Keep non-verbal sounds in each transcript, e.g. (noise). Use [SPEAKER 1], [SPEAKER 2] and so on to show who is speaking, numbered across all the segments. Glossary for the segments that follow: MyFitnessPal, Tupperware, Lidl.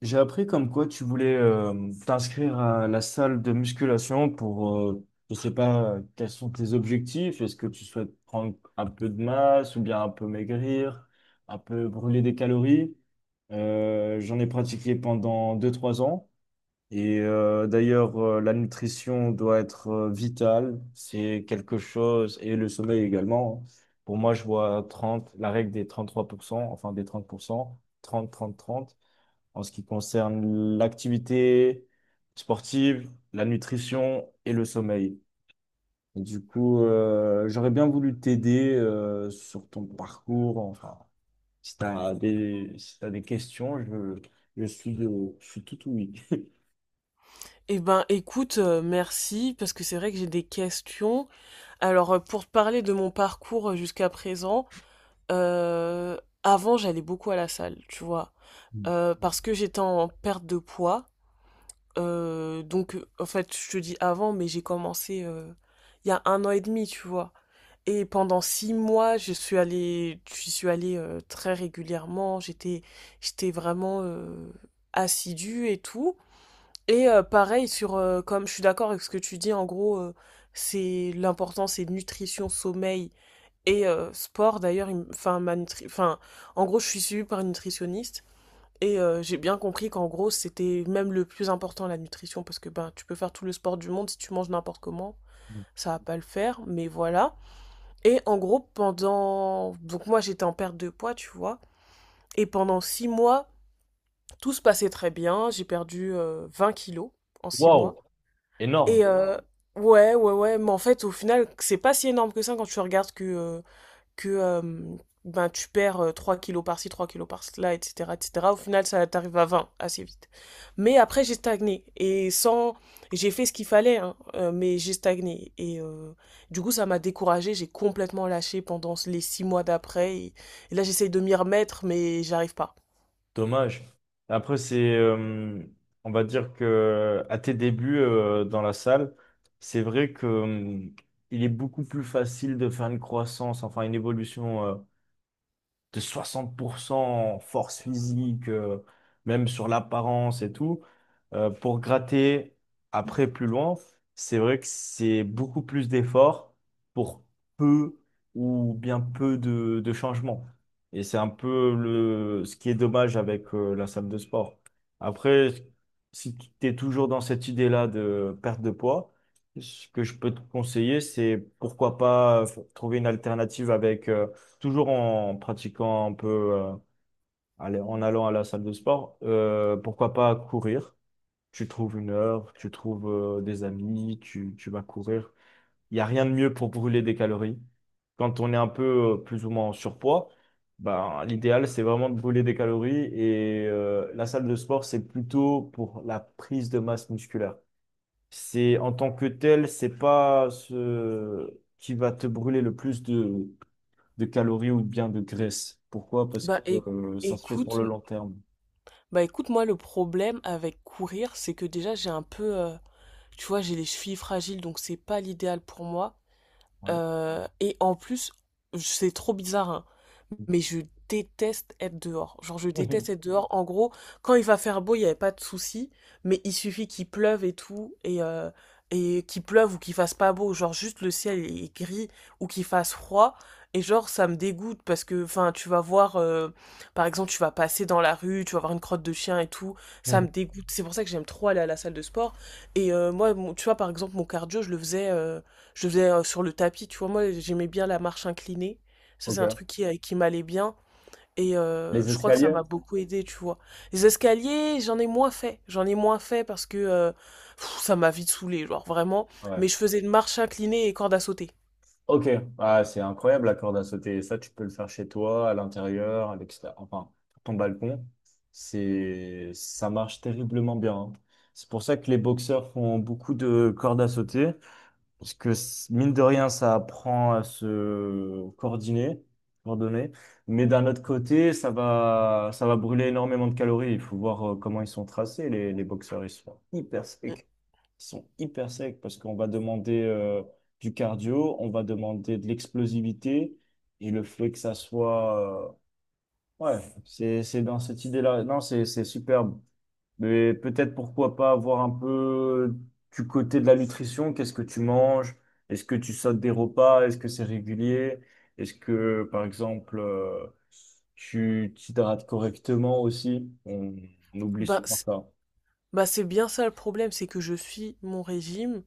[SPEAKER 1] J'ai appris comme quoi tu voulais t'inscrire à la salle de musculation pour, je sais pas, quels sont tes objectifs? Est-ce que tu souhaites prendre un peu de masse ou bien un peu maigrir, un peu brûler des calories? J'en ai pratiqué pendant deux trois ans et d'ailleurs, la nutrition doit être vitale. C'est quelque chose, et le sommeil également. Hein. Pour moi, je vois 30 la règle des 33% enfin des 30% 30 30 30 en ce qui concerne l'activité sportive, la nutrition et le sommeil. Et du coup, j'aurais bien voulu t'aider sur ton parcours. Enfin, si t'as des questions, je suis tout oui. (laughs)
[SPEAKER 2] Eh ben, écoute, merci parce que c'est vrai que j'ai des questions. Alors, pour te parler de mon parcours, jusqu'à présent, avant j'allais beaucoup à la salle, tu vois? Parce que j'étais en perte de poids, donc, en fait, je te dis avant, mais j'ai commencé, il y a 1 an et demi, tu vois? Et pendant 6 mois, je suis allée, très régulièrement. J'étais vraiment, assidue et tout. Et pareil, sur, comme je suis d'accord avec ce que tu dis, en gros, c'est l'important, c'est nutrition, sommeil et sport. D'ailleurs, enfin, enfin, en gros, je suis suivie par une nutritionniste et j'ai bien compris qu'en gros, c'était même le plus important, la nutrition, parce que ben, tu peux faire tout le sport du monde si tu manges n'importe comment. Ça va pas le faire, mais voilà. Et en gros, donc moi, j'étais en perte de poids, tu vois. Et pendant six mois, tout se passait très bien. J'ai perdu 20 kilos en 6 mois.
[SPEAKER 1] Wow,
[SPEAKER 2] Et
[SPEAKER 1] énorme,
[SPEAKER 2] ouais, ouais, ouais, mais en fait, au final, c'est pas si énorme que ça quand tu regardes que ben, tu perds 3 kilos par-ci, 3 kilos par-là, etc., etc. Au final, ça t'arrive à 20 assez vite. Mais après, j'ai stagné. Et sans. J'ai fait ce qu'il fallait, hein, mais j'ai stagné. Et du coup, ça m'a découragée. J'ai complètement lâché pendant les 6 mois d'après. Et là, j'essaye de m'y remettre, mais j'arrive pas.
[SPEAKER 1] dommage. Après, on va dire que à tes débuts dans la salle, c'est vrai que il est beaucoup plus facile de faire une croissance, enfin une évolution de 60% en force physique, même sur l'apparence et tout, pour gratter après plus loin, c'est vrai que c'est beaucoup plus d'efforts pour peu ou bien peu de changements. Et c'est un peu ce qui est dommage avec la salle de sport. Après, si tu es toujours dans cette idée-là de perte de poids, ce que je peux te conseiller, c'est pourquoi pas trouver une alternative avec toujours en pratiquant un peu, euh, allez, en allant à la salle de sport, pourquoi pas courir? Tu trouves une heure, tu trouves des amis, tu vas courir. Il n'y a rien de mieux pour brûler des calories. Quand on est un peu plus ou moins en surpoids, ben, l'idéal, c'est vraiment de brûler des calories et la salle de sport, c'est plutôt pour la prise de masse musculaire. C'est en tant que tel, c'est pas ce qui va te brûler le plus de calories ou bien de graisse. Pourquoi? Parce que
[SPEAKER 2] Bah,
[SPEAKER 1] ça se fait sur
[SPEAKER 2] écoute,
[SPEAKER 1] le long terme.
[SPEAKER 2] écoute, moi, le problème avec courir, c'est que déjà, j'ai un peu. Tu vois, j'ai les chevilles fragiles, donc c'est pas l'idéal pour moi.
[SPEAKER 1] Ouais.
[SPEAKER 2] Et en plus, c'est trop bizarre, hein,
[SPEAKER 1] (laughs)
[SPEAKER 2] mais je déteste être dehors. Genre, je déteste être dehors. En gros, quand il va faire beau, il n'y avait pas de souci, mais il suffit qu'il pleuve et tout, et qu'il pleuve ou qu'il fasse pas beau, genre juste le ciel est gris ou qu'il fasse froid. Et genre, ça me dégoûte parce que, enfin, tu vas voir, par exemple, tu vas passer dans la rue, tu vas voir une crotte de chien et tout, ça me dégoûte. C'est pour ça que j'aime trop aller à la salle de sport. Et moi, tu vois, par exemple, mon cardio, je le faisais. Je faisais sur le tapis, tu vois, moi j'aimais bien la marche inclinée. Ça, c'est un truc
[SPEAKER 1] Ok.
[SPEAKER 2] qui m'allait bien. Et
[SPEAKER 1] Les
[SPEAKER 2] je crois que ça
[SPEAKER 1] escaliers?
[SPEAKER 2] m'a beaucoup aidé, tu vois. Les escaliers, j'en ai moins fait. J'en ai moins fait parce que ça m'a vite saoulé, genre vraiment.
[SPEAKER 1] Ouais.
[SPEAKER 2] Mais je faisais une marche inclinée et corde à sauter.
[SPEAKER 1] Ok. Ah, c'est incroyable la corde à sauter. Ça, tu peux le faire chez toi, à l'intérieur, à l'extérieur, enfin, sur ton balcon. Ça marche terriblement bien. Hein. C'est pour ça que les boxeurs font beaucoup de cordes à sauter. Mine de rien, ça apprend à se coordonner, coordonner. Mais d'un autre côté, ça va brûler énormément de calories. Il faut voir comment ils sont tracés, les boxeurs. Ils sont hyper
[SPEAKER 2] Mm.
[SPEAKER 1] secs. Ils sont hyper secs parce qu'on va demander du cardio, on va demander de l'explosivité. Et le fait que ça soit... ouais, c'est dans cette idée-là. Non, c'est superbe. Mais peut-être pourquoi pas avoir un peu du côté de la nutrition, qu'est-ce que tu manges? Est-ce que tu sautes des repas? Est-ce que c'est régulier? Est-ce que, par exemple, tu t'hydrates correctement aussi? On oublie
[SPEAKER 2] Bah,
[SPEAKER 1] souvent ça.
[SPEAKER 2] c'est bien ça le problème, c'est que je suis mon régime.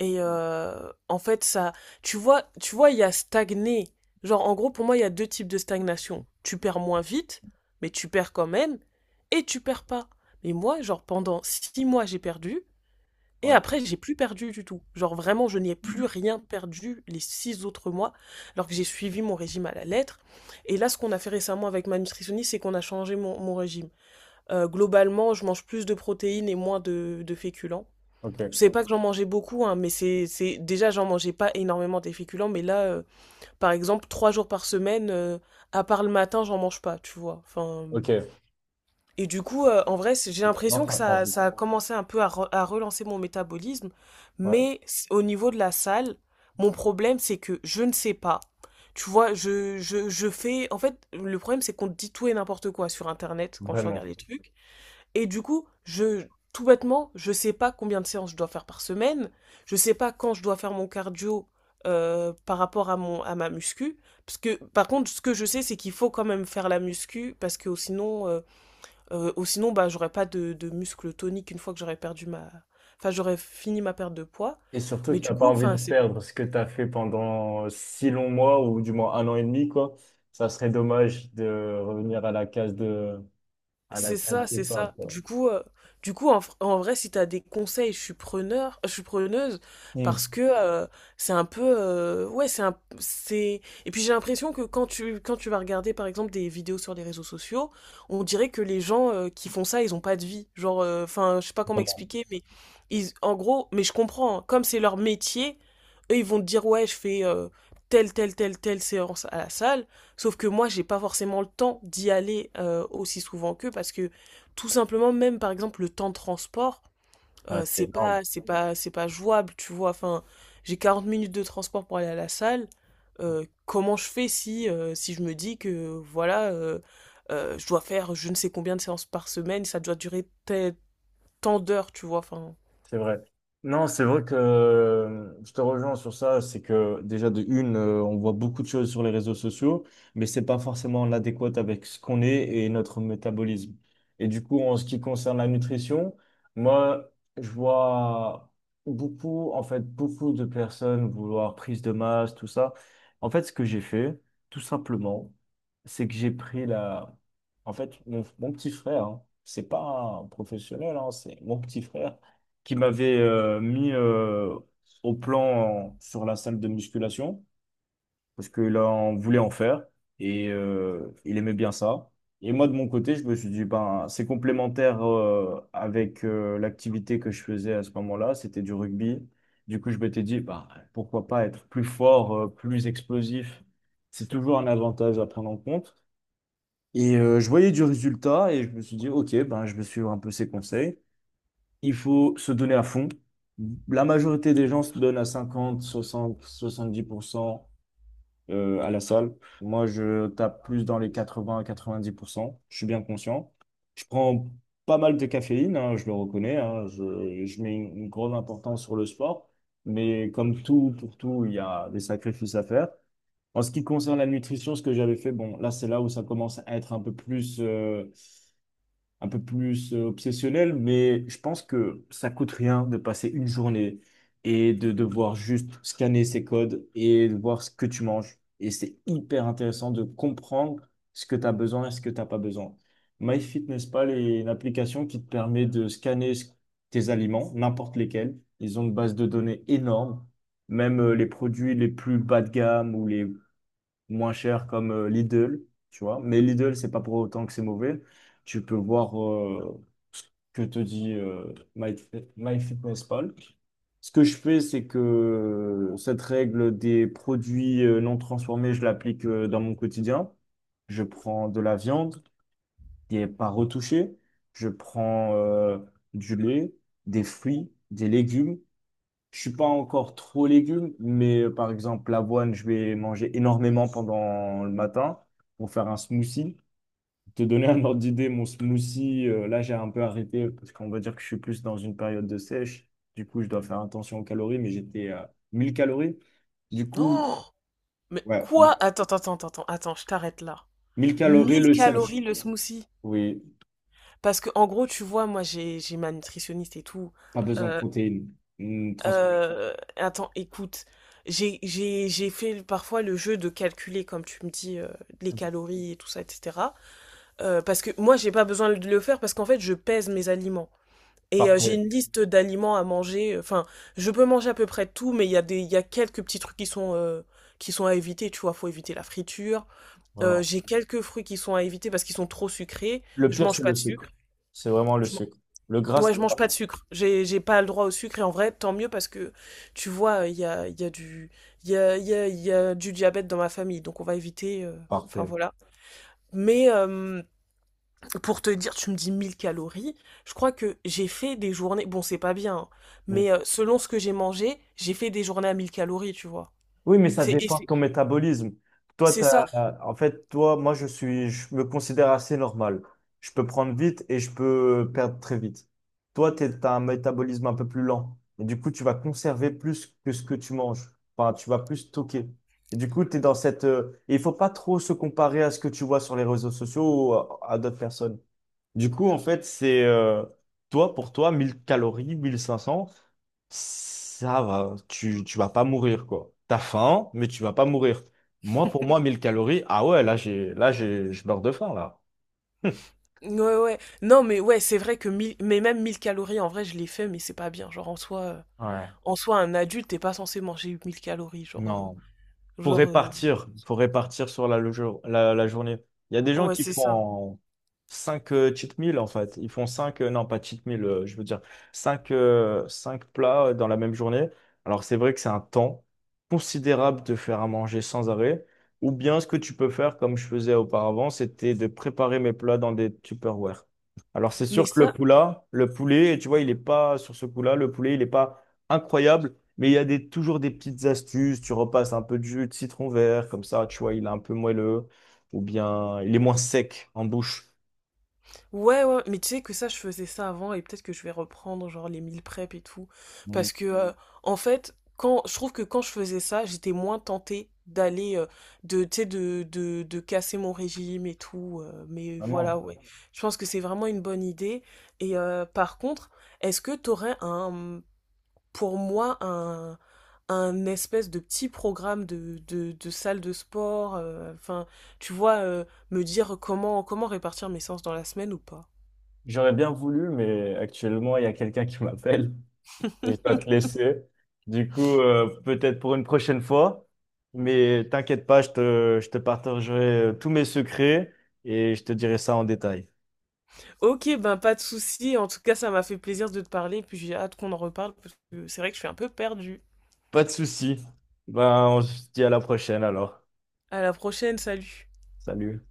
[SPEAKER 2] Et en fait, ça, tu vois, il y a stagné. Genre, en gros, pour moi, il y a 2 types de stagnation. Tu perds moins vite, mais tu perds quand même, et tu perds pas. Mais moi, genre, pendant 6 mois, j'ai perdu, et
[SPEAKER 1] Ouais,
[SPEAKER 2] après, j'ai plus perdu du tout. Genre, vraiment, je n'y ai plus rien perdu les 6 autres mois, alors que j'ai suivi mon régime à la lettre. Et là, ce qu'on a fait récemment avec ma nutritionniste, c'est qu'on a changé mon régime. Globalement, je mange plus de protéines et moins de féculents.
[SPEAKER 1] ok,
[SPEAKER 2] C'est pas que j'en mangeais beaucoup, hein, mais c'est déjà j'en mangeais pas énormément des féculents, mais là, par exemple, 3 jours par semaine, à part le matin, j'en mange pas, tu vois. Enfin,
[SPEAKER 1] ok.
[SPEAKER 2] et du coup, en vrai, j'ai
[SPEAKER 1] Non,
[SPEAKER 2] l'impression que
[SPEAKER 1] ça prend
[SPEAKER 2] ça,
[SPEAKER 1] vite.
[SPEAKER 2] ça a commencé un peu à relancer mon métabolisme,
[SPEAKER 1] Ouais,
[SPEAKER 2] mais au niveau de la salle, mon problème c'est que je ne sais pas. Tu vois, je fais. En fait, le problème c'est qu'on te dit tout et n'importe quoi sur Internet quand tu regardes
[SPEAKER 1] vraiment.
[SPEAKER 2] les trucs. Et du coup, tout bêtement, je sais pas combien de séances je dois faire par semaine, je sais pas quand je dois faire mon cardio par rapport à ma muscu, parce que par contre ce que je sais c'est qu'il faut quand même faire la muscu parce que sinon bah j'aurais pas de muscle tonique une fois que j'aurais perdu ma enfin j'aurais fini ma perte de poids,
[SPEAKER 1] Et surtout que
[SPEAKER 2] mais du
[SPEAKER 1] t'as pas
[SPEAKER 2] coup
[SPEAKER 1] envie de
[SPEAKER 2] enfin c'est.
[SPEAKER 1] perdre ce que tu as fait pendant 6 longs mois ou du moins un an et demi, quoi. Ça serait dommage de revenir à la
[SPEAKER 2] C'est
[SPEAKER 1] case
[SPEAKER 2] ça, c'est
[SPEAKER 1] départ,
[SPEAKER 2] ça.
[SPEAKER 1] quoi.
[SPEAKER 2] Du coup, en vrai, si t'as des conseils, je suis preneuse, parce
[SPEAKER 1] Hum,
[SPEAKER 2] que c'est un peu, ouais, c'est un, c'est. Et puis j'ai l'impression que quand tu vas regarder, par exemple, des vidéos sur les réseaux sociaux, on dirait que les gens qui font ça, ils ont pas de vie. Genre, enfin, je sais pas comment
[SPEAKER 1] Vraiment.
[SPEAKER 2] expliquer, mais ils, en gros, mais je comprends, hein. Comme c'est leur métier, eux, ils vont te dire, ouais, je fais telle, telle, telle, telle séance à la salle. Sauf que moi, j'ai pas forcément le temps d'y aller aussi souvent qu'eux parce que tout simplement, même par exemple, le temps de transport,
[SPEAKER 1] Ouais, c'est
[SPEAKER 2] c'est
[SPEAKER 1] énorme.
[SPEAKER 2] pas, c'est pas, c'est pas jouable, tu vois. Enfin, j'ai 40 minutes de transport pour aller à la salle. Comment je fais si, si je me dis que voilà, je dois faire je ne sais combien de séances par semaine, ça doit durer tant d'heures, tu vois. Enfin,
[SPEAKER 1] C'est vrai. Non, c'est vrai que je te rejoins sur ça, c'est que déjà de une, on voit beaucoup de choses sur les réseaux sociaux, mais c'est pas forcément l'adéquat avec ce qu'on est et notre métabolisme. Et du coup, en ce qui concerne la nutrition, moi, je vois beaucoup, en fait, beaucoup de personnes vouloir prise de masse, tout ça. En fait, ce que j'ai fait, tout simplement, c'est que j'ai pris la... En fait, mon petit frère, hein, c'est pas un professionnel, hein, c'est mon petit frère qui m'avait mis au plan sur la salle de musculation, parce que là, on voulait en faire, et il aimait bien ça. Et moi, de mon côté, je me suis dit, ben, c'est complémentaire avec l'activité que je faisais à ce moment-là, c'était du rugby. Du coup, je m'étais dit, bah, pourquoi pas être plus fort, plus explosif. C'est toujours un avantage à prendre en compte. Et je voyais du résultat et je me suis dit, OK, ben, je vais suivre un peu ses conseils. Il faut se donner à fond. La majorité des gens se donnent à 50, 60, 70% à la salle. Moi, je tape plus dans les 80-90%. Je suis bien conscient. Je prends pas mal de caféine, hein, je le reconnais. Hein. Je mets une grande importance sur le sport. Mais comme tout, pour tout, il y a des sacrifices à faire. En ce qui concerne la nutrition, ce que j'avais fait, bon, là, c'est là où ça commence à être un peu plus obsessionnel, mais je pense que ça coûte rien de passer une journée et de devoir juste scanner ces codes et de voir ce que tu manges. Et c'est hyper intéressant de comprendre ce que tu as besoin et ce que tu n'as pas besoin. MyFitnessPal est une application qui te permet de scanner tes aliments, n'importe lesquels. Ils ont une base de données énorme. Même les produits les plus bas de gamme ou les moins cher comme Lidl, tu vois. Mais Lidl, c'est pas pour autant que c'est mauvais. Tu peux voir que te dit MyFitnessPal. Ce que je fais, c'est que cette règle des produits non transformés, je l'applique dans mon quotidien. Je prends de la viande qui n'est pas retouchée. Je prends du lait, des fruits, des légumes. Je suis pas encore trop légumes, mais par exemple, l'avoine, je vais manger énormément pendant le matin pour faire un smoothie. Pour te donner un ordre d'idée, mon smoothie, là, j'ai un peu arrêté parce qu'on va dire que je suis plus dans une période de sèche. Du coup, je dois faire attention aux calories, mais j'étais à 1 000 calories. Du coup,
[SPEAKER 2] oh, mais
[SPEAKER 1] ouais,
[SPEAKER 2] quoi? Attends, attends, attends, attends, attends, je t'arrête là.
[SPEAKER 1] 1 000 calories
[SPEAKER 2] mille
[SPEAKER 1] le sèche.
[SPEAKER 2] calories le smoothie.
[SPEAKER 1] Oui,
[SPEAKER 2] Parce que en gros, tu vois, moi j'ai ma nutritionniste et tout.
[SPEAKER 1] pas besoin de
[SPEAKER 2] Euh,
[SPEAKER 1] protéines. Transforme.
[SPEAKER 2] attends, écoute, j'ai fait parfois le jeu de calculer, comme tu me dis, les calories et tout ça, etc. Parce que moi j'ai pas besoin de le faire parce qu'en fait je pèse mes aliments. Et j'ai
[SPEAKER 1] Parfait,
[SPEAKER 2] une liste d'aliments à manger. Enfin, je peux manger à peu près tout, mais il y a quelques petits trucs qui sont à éviter. Tu vois, faut éviter la friture. Euh,
[SPEAKER 1] vraiment.
[SPEAKER 2] j'ai quelques fruits qui sont à éviter parce qu'ils sont trop sucrés.
[SPEAKER 1] Le
[SPEAKER 2] Je
[SPEAKER 1] pire,
[SPEAKER 2] mange
[SPEAKER 1] c'est
[SPEAKER 2] pas
[SPEAKER 1] le
[SPEAKER 2] de sucre.
[SPEAKER 1] sucre. C'est vraiment le sucre. Le gras, c'est
[SPEAKER 2] Ouais, je mange
[SPEAKER 1] pas-
[SPEAKER 2] pas de sucre. J'ai pas le droit au sucre. Et en vrai, tant mieux parce que, tu vois, il y a du, il y a, il y a- il y a du diabète dans ma famille. Donc, on va éviter, enfin,
[SPEAKER 1] parfait.
[SPEAKER 2] voilà. Mais pour te dire, tu me dis 1000 calories. Je crois que j'ai fait des journées. Bon, c'est pas bien, hein, mais selon ce que j'ai mangé, j'ai fait des journées à 1000 calories, tu vois.
[SPEAKER 1] Oui, mais ça
[SPEAKER 2] C'est, et
[SPEAKER 1] dépend de
[SPEAKER 2] c'est,
[SPEAKER 1] ton métabolisme. Toi,
[SPEAKER 2] c'est ça.
[SPEAKER 1] en fait, toi, moi, je me considère assez normal. Je peux prendre vite et je peux perdre très vite. Toi, tu as un métabolisme un peu plus lent. Et du coup, tu vas conserver plus que ce que tu manges. Enfin, tu vas plus stocker. Et du coup, tu es dans cette... et il faut pas trop se comparer à ce que tu vois sur les réseaux sociaux ou à d'autres personnes. Du coup, en fait, c'est toi, pour toi, 1 000 calories, 1 500, ça va, tu vas pas mourir, quoi. T'as faim, mais tu vas pas mourir. Moi, pour moi, 1 000 calories, ah ouais, là, je meurs de faim, là. (laughs)
[SPEAKER 2] Ouais, ouais. Non, mais ouais, c'est vrai que 1000. Mais même 1000 calories, en vrai, je l'ai fait, mais c'est pas bien. Genre, en soi.
[SPEAKER 1] Ouais.
[SPEAKER 2] En soi, un adulte, t'es pas censé manger 1000 calories, genre... euh,
[SPEAKER 1] Non.
[SPEAKER 2] Genre, euh,
[SPEAKER 1] Faut répartir sur la journée. Il y a des gens
[SPEAKER 2] ouais,
[SPEAKER 1] qui
[SPEAKER 2] c'est ça.
[SPEAKER 1] font 5 cheat meals en fait. Ils font 5, non pas cheat meals, je veux dire 5 plats dans la même journée. Alors c'est vrai que c'est un temps considérable de faire à manger sans arrêt. Ou bien ce que tu peux faire comme je faisais auparavant, c'était de préparer mes plats dans des Tupperware. Alors c'est
[SPEAKER 2] Mais
[SPEAKER 1] sûr que
[SPEAKER 2] ça,
[SPEAKER 1] le poulet, tu vois, il est pas sur ce coup-là, le poulet, il n'est pas incroyable. Mais il y a toujours des petites astuces. Tu repasses un peu de jus de citron vert, comme ça, tu vois, il est un peu moelleux. Ou bien, il est moins sec en bouche.
[SPEAKER 2] ouais, ouais, mais tu sais que ça, je faisais ça avant et peut-être que je vais reprendre, genre, les meal prep et tout.
[SPEAKER 1] Mm,
[SPEAKER 2] Parce que, en fait, je trouve que quand je faisais ça, j'étais moins tentée d'aller, tu sais, de casser mon régime et tout. Mais voilà,
[SPEAKER 1] vraiment.
[SPEAKER 2] ouais. Je pense que c'est vraiment une bonne idée. Et par contre, est-ce que t'aurais un pour moi un espèce de petit programme de salle de sport, enfin, tu vois, me dire comment répartir mes séances dans la semaine ou pas.
[SPEAKER 1] J'aurais bien voulu, mais actuellement, il y a quelqu'un qui m'appelle et je dois te laisser. Du coup, peut-être pour une prochaine fois. Mais t'inquiète pas, je te partagerai tous mes secrets et je te dirai ça en détail.
[SPEAKER 2] Ok, ben pas de souci, en tout cas, ça m'a fait plaisir de te parler, puis j'ai hâte qu'on en reparle, parce que c'est vrai que je suis un peu perdue.
[SPEAKER 1] Pas de souci. Ben, on se dit à la prochaine alors.
[SPEAKER 2] À la prochaine, salut!
[SPEAKER 1] Salut.